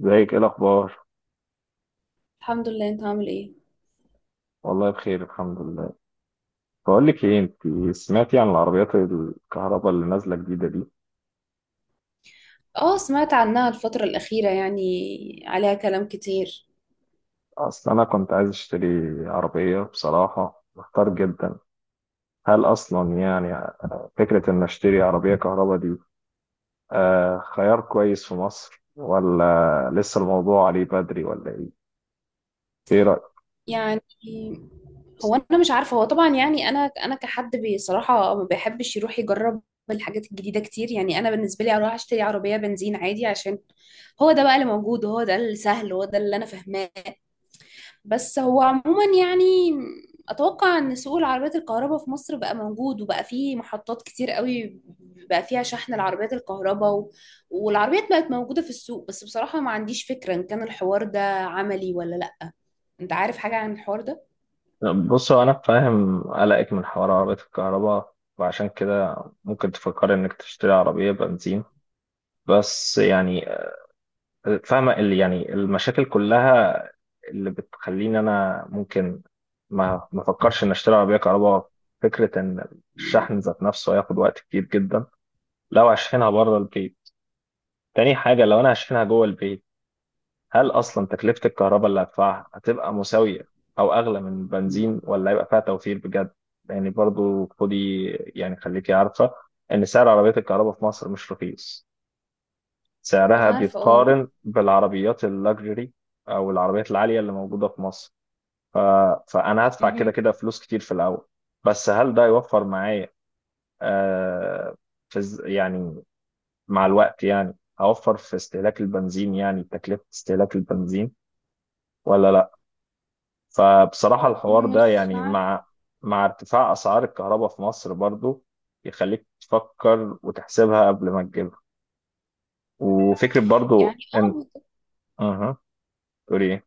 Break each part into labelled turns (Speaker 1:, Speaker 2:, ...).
Speaker 1: ازيك؟ ايه الاخبار؟
Speaker 2: الحمد لله. انت عامل ايه؟
Speaker 1: والله بخير، الحمد لله. بقول لك ايه، انت سمعتي عن العربيات الكهرباء اللي نازله جديده دي؟
Speaker 2: اه، سمعت عنها الفترة الأخيرة، يعني عليها كلام كتير.
Speaker 1: اصل انا كنت عايز اشتري عربيه، بصراحه محتار جدا. هل اصلا، يعني، فكره ان اشتري عربيه كهرباء دي خيار كويس في مصر، ولا لسه الموضوع عليه بدري، ولا ايه؟ ايه رايك؟
Speaker 2: يعني هو انا مش عارفة. هو طبعا يعني انا كحد بصراحة ما بيحبش يروح يجرب الحاجات الجديدة كتير. يعني انا بالنسبة لي اروح اشتري عربية بنزين عادي، عشان هو ده بقى اللي موجود، وهو ده السهل، وهو ده اللي انا فاهماه. بس هو عموما يعني اتوقع ان سوق العربيات الكهرباء في مصر بقى موجود، وبقى فيه محطات كتير قوي بقى فيها شحن العربيات الكهرباء، والعربيات بقت موجودة في السوق. بس بصراحة ما عنديش فكرة ان كان الحوار ده عملي ولا لا. انت عارف حاجة عن الحوار ده؟
Speaker 1: طب بصوا، انا فاهم قلقك من حوار عربية الكهرباء، وعشان كده ممكن تفكري انك تشتري عربية بنزين. بس يعني، فاهمة اللي، يعني، المشاكل كلها اللي بتخليني أنا ممكن ما أفكرش إن أشتري عربية كهرباء. فكرة إن الشحن ذات نفسه هياخد وقت كتير جدا لو هشحنها بره البيت. تاني حاجة، لو أنا هشحنها جوه البيت، هل أصلا تكلفة الكهرباء اللي هدفعها هتبقى مساوية أو أغلى من البنزين، ولا هيبقى فيها توفير بجد؟ يعني برضو، خدي يعني، خليكي عارفة إن سعر عربية الكهرباء في مصر مش رخيص.
Speaker 2: ما
Speaker 1: سعرها
Speaker 2: انا عارفة، اه.
Speaker 1: بيتقارن بالعربيات اللاكجري او العربيات العاليه اللي موجوده في مصر. ف... فانا هدفع كده
Speaker 2: مهم.
Speaker 1: كده فلوس كتير في الاول. بس هل ده يوفر معايا؟ آه يعني مع الوقت، يعني، هوفر في استهلاك البنزين، يعني تكلفه استهلاك البنزين، ولا لا؟ فبصراحه الحوار ده،
Speaker 2: مش
Speaker 1: يعني،
Speaker 2: عارفة
Speaker 1: مع ارتفاع اسعار الكهرباء في مصر برضو، يخليك تفكر وتحسبها قبل ما تجيبها. وفكره برضو
Speaker 2: يعني. اه
Speaker 1: ان...
Speaker 2: بالظبط.
Speaker 1: اها، تقولي ايه؟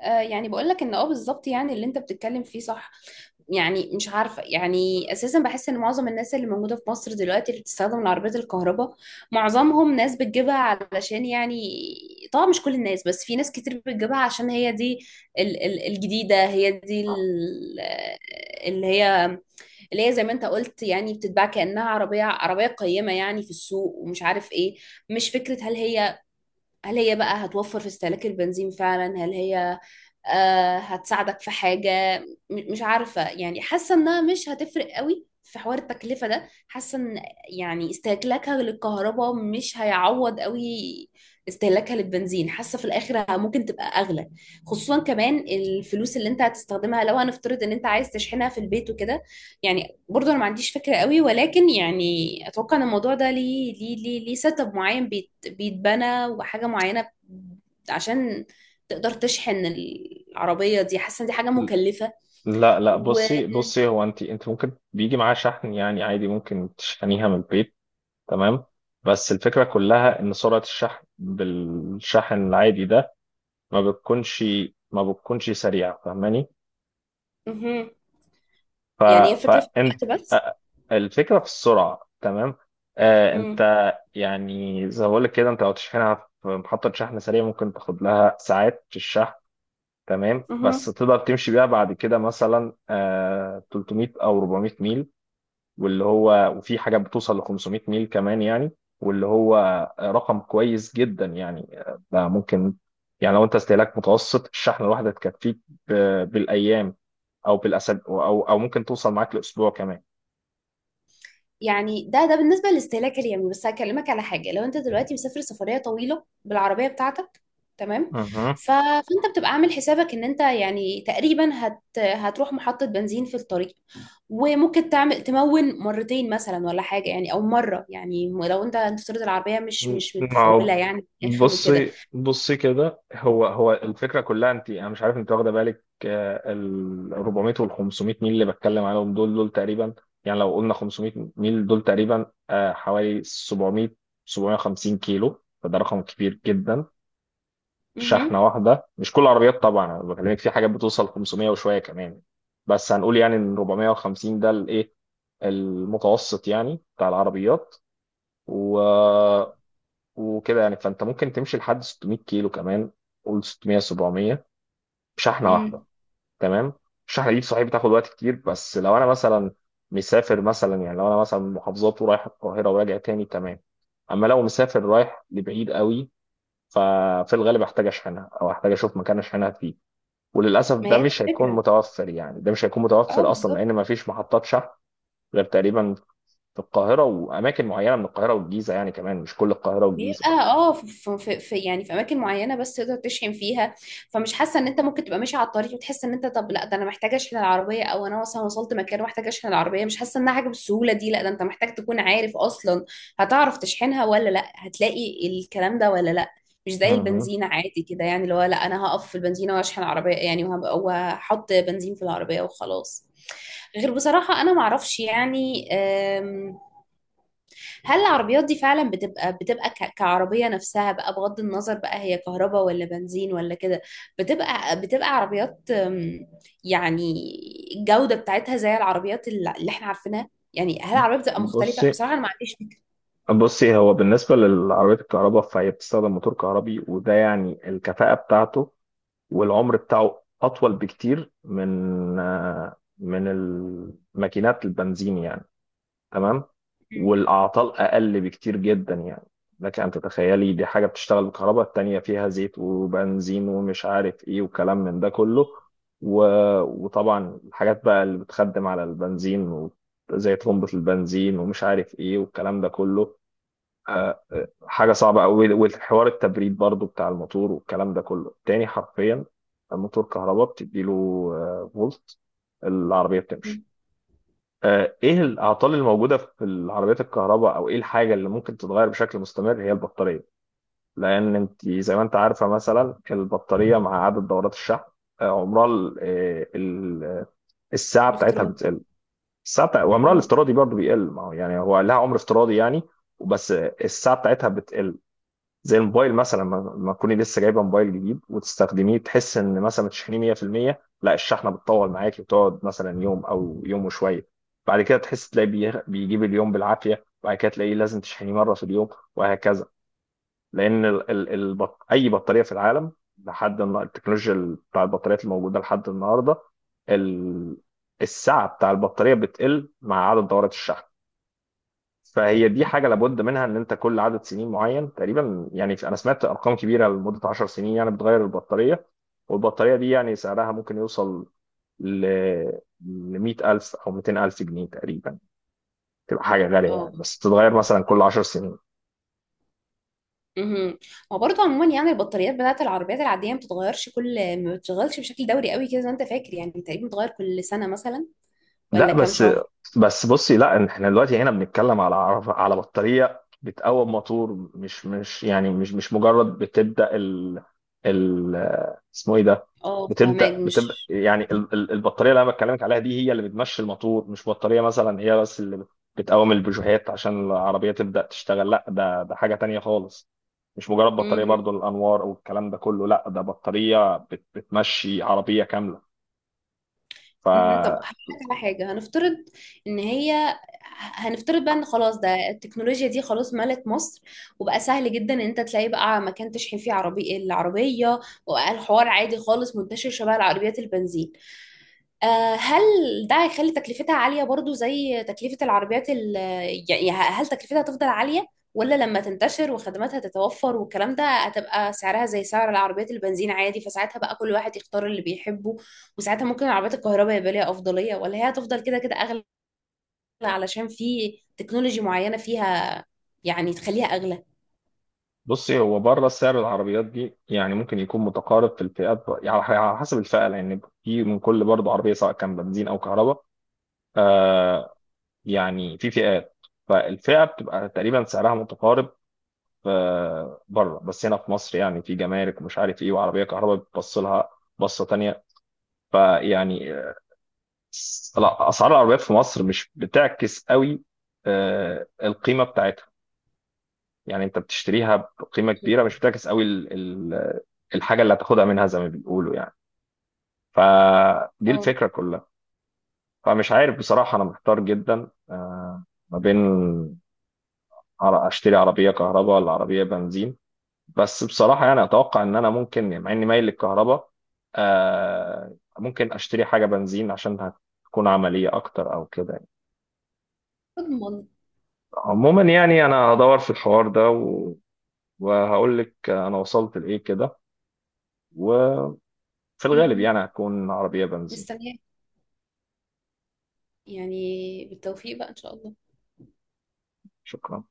Speaker 2: آه، يعني بقول لك ان اه بالظبط، يعني اللي انت بتتكلم فيه صح. يعني مش عارفة. يعني أساسا بحس إن معظم الناس اللي موجودة في مصر دلوقتي اللي بتستخدم العربيات الكهرباء، معظمهم ناس بتجيبها علشان يعني، طبعا مش كل الناس، بس في ناس كتير بتجيبها عشان هي دي ال الجديدة. هي دي اللي هي اللي هي زي ما أنت قلت، يعني بتتباع كأنها عربية عربية قيمة يعني في السوق، ومش عارف إيه. مش فكرة هل هي بقى هتوفر في استهلاك البنزين فعلا. هل هي آه، هتساعدك في حاجة. مش عارفة، يعني حاسة انها مش هتفرق قوي في حوار التكلفة ده. حاسة ان يعني استهلاكها للكهرباء مش هيعوض قوي استهلاكها للبنزين. حاسة في الاخر ممكن تبقى اغلى، خصوصا كمان الفلوس اللي انت هتستخدمها لو هنفترض ان انت عايز تشحنها في البيت وكده. يعني برضه انا ما عنديش فكرة قوي، ولكن يعني اتوقع ان الموضوع ده ليه سيت اب معين، بيت بيتبنى وحاجة معينة عشان تقدر تشحن العربية دي. حاسة إن دي حاجة مكلفة.
Speaker 1: لا لا،
Speaker 2: و
Speaker 1: بصي بصي، هو انت ممكن بيجي معاه شحن، يعني عادي ممكن تشحنيها من البيت. تمام. بس الفكرة كلها ان سرعة الشحن بالشحن العادي ده ما بتكونش ما بتكونش سريعة، فاهماني؟
Speaker 2: مهم.
Speaker 1: ف
Speaker 2: يعني هي فكرة في
Speaker 1: فانت...
Speaker 2: الوقت بس.
Speaker 1: آه، الفكرة في السرعة، تمام. انت،
Speaker 2: مم.
Speaker 1: يعني زي ما بقول لك كده، انت لو تشحنها في محطة شحن سريع ممكن تاخد لها ساعات في الشحن. تمام، بس
Speaker 2: مهم.
Speaker 1: تقدر تمشي بيها بعد كده مثلا 300 او 400 ميل، واللي هو، وفي حاجات بتوصل ل 500 ميل كمان يعني، واللي هو رقم كويس جدا يعني. ده ممكن، يعني لو انت استهلاك متوسط الشحنه الواحده تكفيك ب- بالايام او بالاسابيع، او ممكن توصل معاك لاسبوع كمان.
Speaker 2: يعني ده بالنسبة للاستهلاك اليومي. بس هكلمك على حاجة، لو انت دلوقتي مسافر سفرية طويلة بالعربية بتاعتك، تمام،
Speaker 1: مهم.
Speaker 2: فانت بتبقى عامل حسابك ان انت يعني تقريبا هتروح محطة بنزين في الطريق، وممكن تعمل تمون مرتين مثلا ولا حاجة، يعني او مرة، يعني لو انت تفترض العربية مش
Speaker 1: ما
Speaker 2: مش
Speaker 1: هو،
Speaker 2: متفولة يعني في الاخر وكده.
Speaker 1: بصي بصي كده، هو هو الفكره كلها، انا مش عارف انت واخده بالك، ال 400 وال 500 ميل اللي بتكلم عليهم دول دول تقريبا، يعني لو قلنا 500 ميل دول تقريبا حوالي 700 750 كيلو، فده رقم كبير جدا.
Speaker 2: مهم.
Speaker 1: شحنه واحده، مش كل العربيات طبعا، انا بكلمك في حاجات بتوصل 500 وشويه كمان. بس هنقول يعني ان 450 ده الايه، المتوسط يعني بتاع العربيات، و... وكده يعني. فانت ممكن تمشي لحد 600 كيلو كمان، قول 600 700 بشحنه واحده.
Speaker 2: مم.
Speaker 1: تمام. الشحنه دي صحيح بتاخد وقت كتير، بس لو انا مثلا مسافر، مثلا يعني لو انا مثلا من محافظات ورايح القاهره وراجع تاني، تمام. اما لو مسافر رايح لبعيد قوي، ففي الغالب احتاج اشحنها، او احتاج اشوف مكان اشحنها فيه. وللاسف
Speaker 2: ما
Speaker 1: ده
Speaker 2: هي دي
Speaker 1: مش هيكون
Speaker 2: الفكرة.
Speaker 1: متوفر، يعني ده مش هيكون
Speaker 2: اه
Speaker 1: متوفر اصلا،
Speaker 2: بالظبط.
Speaker 1: لان ما فيش محطات شحن غير تقريبا في القاهره واماكن معينه من القاهره والجيزه، يعني كمان مش كل القاهره والجيزه.
Speaker 2: بيبقى اه في، يعني في اماكن معينه بس تقدر تشحن فيها. فمش حاسه ان انت ممكن تبقى ماشي على الطريق وتحس ان انت طب لا، ده انا محتاجه اشحن العربيه، او انا مثلا وصلت مكان ومحتاجه اشحن العربيه. مش حاسه انها حاجه بالسهوله دي. لا، ده انت محتاج تكون عارف اصلا هتعرف تشحنها ولا لا، هتلاقي الكلام ده ولا لا. مش زي البنزينه عادي كده، يعني اللي هو لا، انا هقف في البنزينه واشحن العربيه يعني، وهحط بنزين في العربيه وخلاص. غير بصراحه انا معرفش يعني هل العربيات دي فعلا بتبقى كعربية نفسها بقى، بغض النظر بقى هي كهرباء ولا بنزين ولا كده. بتبقى عربيات، يعني الجودة بتاعتها زي العربيات اللي احنا عارفينها. يعني هل العربية بتبقى مختلفة؟
Speaker 1: بصي
Speaker 2: بصراحة انا ما عنديش فكرة.
Speaker 1: بصي، هو بالنسبة للعربيات الكهرباء فهي بتستخدم موتور كهربي، وده يعني الكفاءة بتاعته والعمر بتاعه أطول بكتير من من الماكينات البنزين يعني. تمام.
Speaker 2: مم.
Speaker 1: والاعطال اقل بكتير جدا يعني. لك ان تتخيلي، دي حاجه بتشتغل بالكهرباء، التانيه فيها زيت وبنزين ومش عارف ايه وكلام من ده كله، و... وطبعا الحاجات بقى اللي بتخدم على البنزين زي طرمبة البنزين ومش عارف ايه والكلام ده كله حاجه صعبه قوي، والحوار التبريد برضو بتاع الموتور والكلام ده كله تاني، حرفيا. الموتور كهرباء بتديله فولت، العربيه بتمشي.
Speaker 2: مم.
Speaker 1: ايه الاعطال الموجوده في العربيات الكهرباء، او ايه الحاجه اللي ممكن تتغير بشكل مستمر، هي البطاريه. لان انت زي ما انت عارفه، مثلا البطاريه مع عدد دورات الشحن، آه، عمرها ال- آه، ال- الساعه بتاعتها
Speaker 2: الافتراض.
Speaker 1: بتقل. وعمرها
Speaker 2: مم.
Speaker 1: الافتراضي برضه بيقل. ما هو يعني هو لها عمر افتراضي يعني، بس الساعه بتاعتها بتقل. زي الموبايل مثلا، لما تكوني لسه جايبه موبايل جديد وتستخدميه، تحس ان مثلا متشحنيه 100%. لا الشحنه بتطول معاكي، وتقعد مثلا يوم او يوم وشويه. بعد كده تحس تلاقي بيجيب اليوم بالعافيه، وبعد كده تلاقيه لازم تشحنيه مره في اليوم، وهكذا. لان ال ال البط اي بطاريه في العالم، التكنولوجيا بتاع البطاريات الموجوده لحد النهارده، ال السعه بتاع البطاريه بتقل مع عدد دورات الشحن. فهي دي حاجه لابد منها، ان انت كل عدد سنين معين تقريبا، يعني انا سمعت ارقام كبيره لمده 10 سنين يعني، بتغير البطاريه. والبطاريه دي يعني سعرها ممكن يوصل ل ل 100000 او 200000 جنيه تقريبا، تبقى حاجه غاليه
Speaker 2: اه.
Speaker 1: يعني، بس تتغير مثلا كل 10 سنين.
Speaker 2: مهم. ما برضه عموما يعني البطاريات بتاعت العربيات العادية ما بتتغيرش، كل ما بتشتغلش بشكل دوري قوي كده زي ما انت فاكر. يعني تقريبا بتتغير كل سنة مثلا ولا
Speaker 1: لا
Speaker 2: كام
Speaker 1: بس،
Speaker 2: شهر؟
Speaker 1: بس بصي لا، احنا دلوقتي هنا بنتكلم على على بطارية بتقوم موتور، مش يعني مش مجرد بتبدأ ال اسمه ايه ده،
Speaker 2: اه فهماك
Speaker 1: بتبدأ
Speaker 2: مش.
Speaker 1: يعني البطارية اللي انا بكلمك عليها دي هي اللي بتمشي الموتور، مش بطارية مثلا هي بس اللي بتقوم البوجيهات عشان العربية تبدأ تشتغل، لا ده حاجة تانية خالص. مش مجرد بطارية
Speaker 2: مهم.
Speaker 1: برضو الأنوار والكلام ده كله، لا ده بطارية بتمشي عربية كاملة. ف
Speaker 2: مهم. طب هقول لك على حاجة. ان هي هنفترض بقى ان خلاص ده، التكنولوجيا دي خلاص ملت مصر، وبقى سهل جدا ان انت تلاقي بقى مكان تشحن فيه عربي العربية، وبقى الحوار عادي خالص منتشر شبه العربيات البنزين. آه، هل ده هيخلي تكلفتها عالية برضو زي تكلفة العربيات يعني هل تكلفتها هتفضل عالية، ولا لما تنتشر وخدماتها تتوفر والكلام ده هتبقى سعرها زي سعر العربيات البنزين عادي، فساعتها بقى كل واحد يختار اللي بيحبه؟ وساعتها ممكن العربيات الكهرباء يبقى ليها أفضلية، ولا هي هتفضل كده كده أغلى علشان في تكنولوجي معينة فيها يعني تخليها أغلى؟
Speaker 1: بصي، هو بره سعر العربيات دي يعني ممكن يكون متقارب في الفئات يعني على حسب الفئه، لان في من كل برضه عربيه سواء كان بنزين او كهرباء. آه يعني في فئات، فالفئه بتبقى تقريبا سعرها متقارب بره. بس هنا في مصر يعني في جمارك ومش عارف ايه، وعربيه كهرباء بتبص لها بصه تانيه. فيعني لا، اسعار العربيات في مصر مش بتعكس قوي القيمه بتاعتها، يعني انت بتشتريها بقيمه كبيره، مش بتعكس قوي الحاجه اللي هتاخدها منها، زي ما بيقولوا يعني. فدي
Speaker 2: اه.
Speaker 1: الفكره كلها. فمش عارف بصراحه، انا محتار جدا ما بين اشتري عربيه كهرباء ولا عربيه بنزين. بس بصراحه يعني اتوقع ان انا ممكن يعني، مع اني مايل للكهرباء ممكن اشتري حاجه بنزين عشان هتكون عمليه اكتر، او كده يعني.
Speaker 2: اضمن.
Speaker 1: عموما يعني، انا هدور في الحوار ده وهقول لك انا وصلت لايه كده، في الغالب
Speaker 2: مهم.
Speaker 1: يعني هتكون عربية بنزين.
Speaker 2: مستنية. يعني بالتوفيق بقى إن شاء الله.
Speaker 1: شكرا.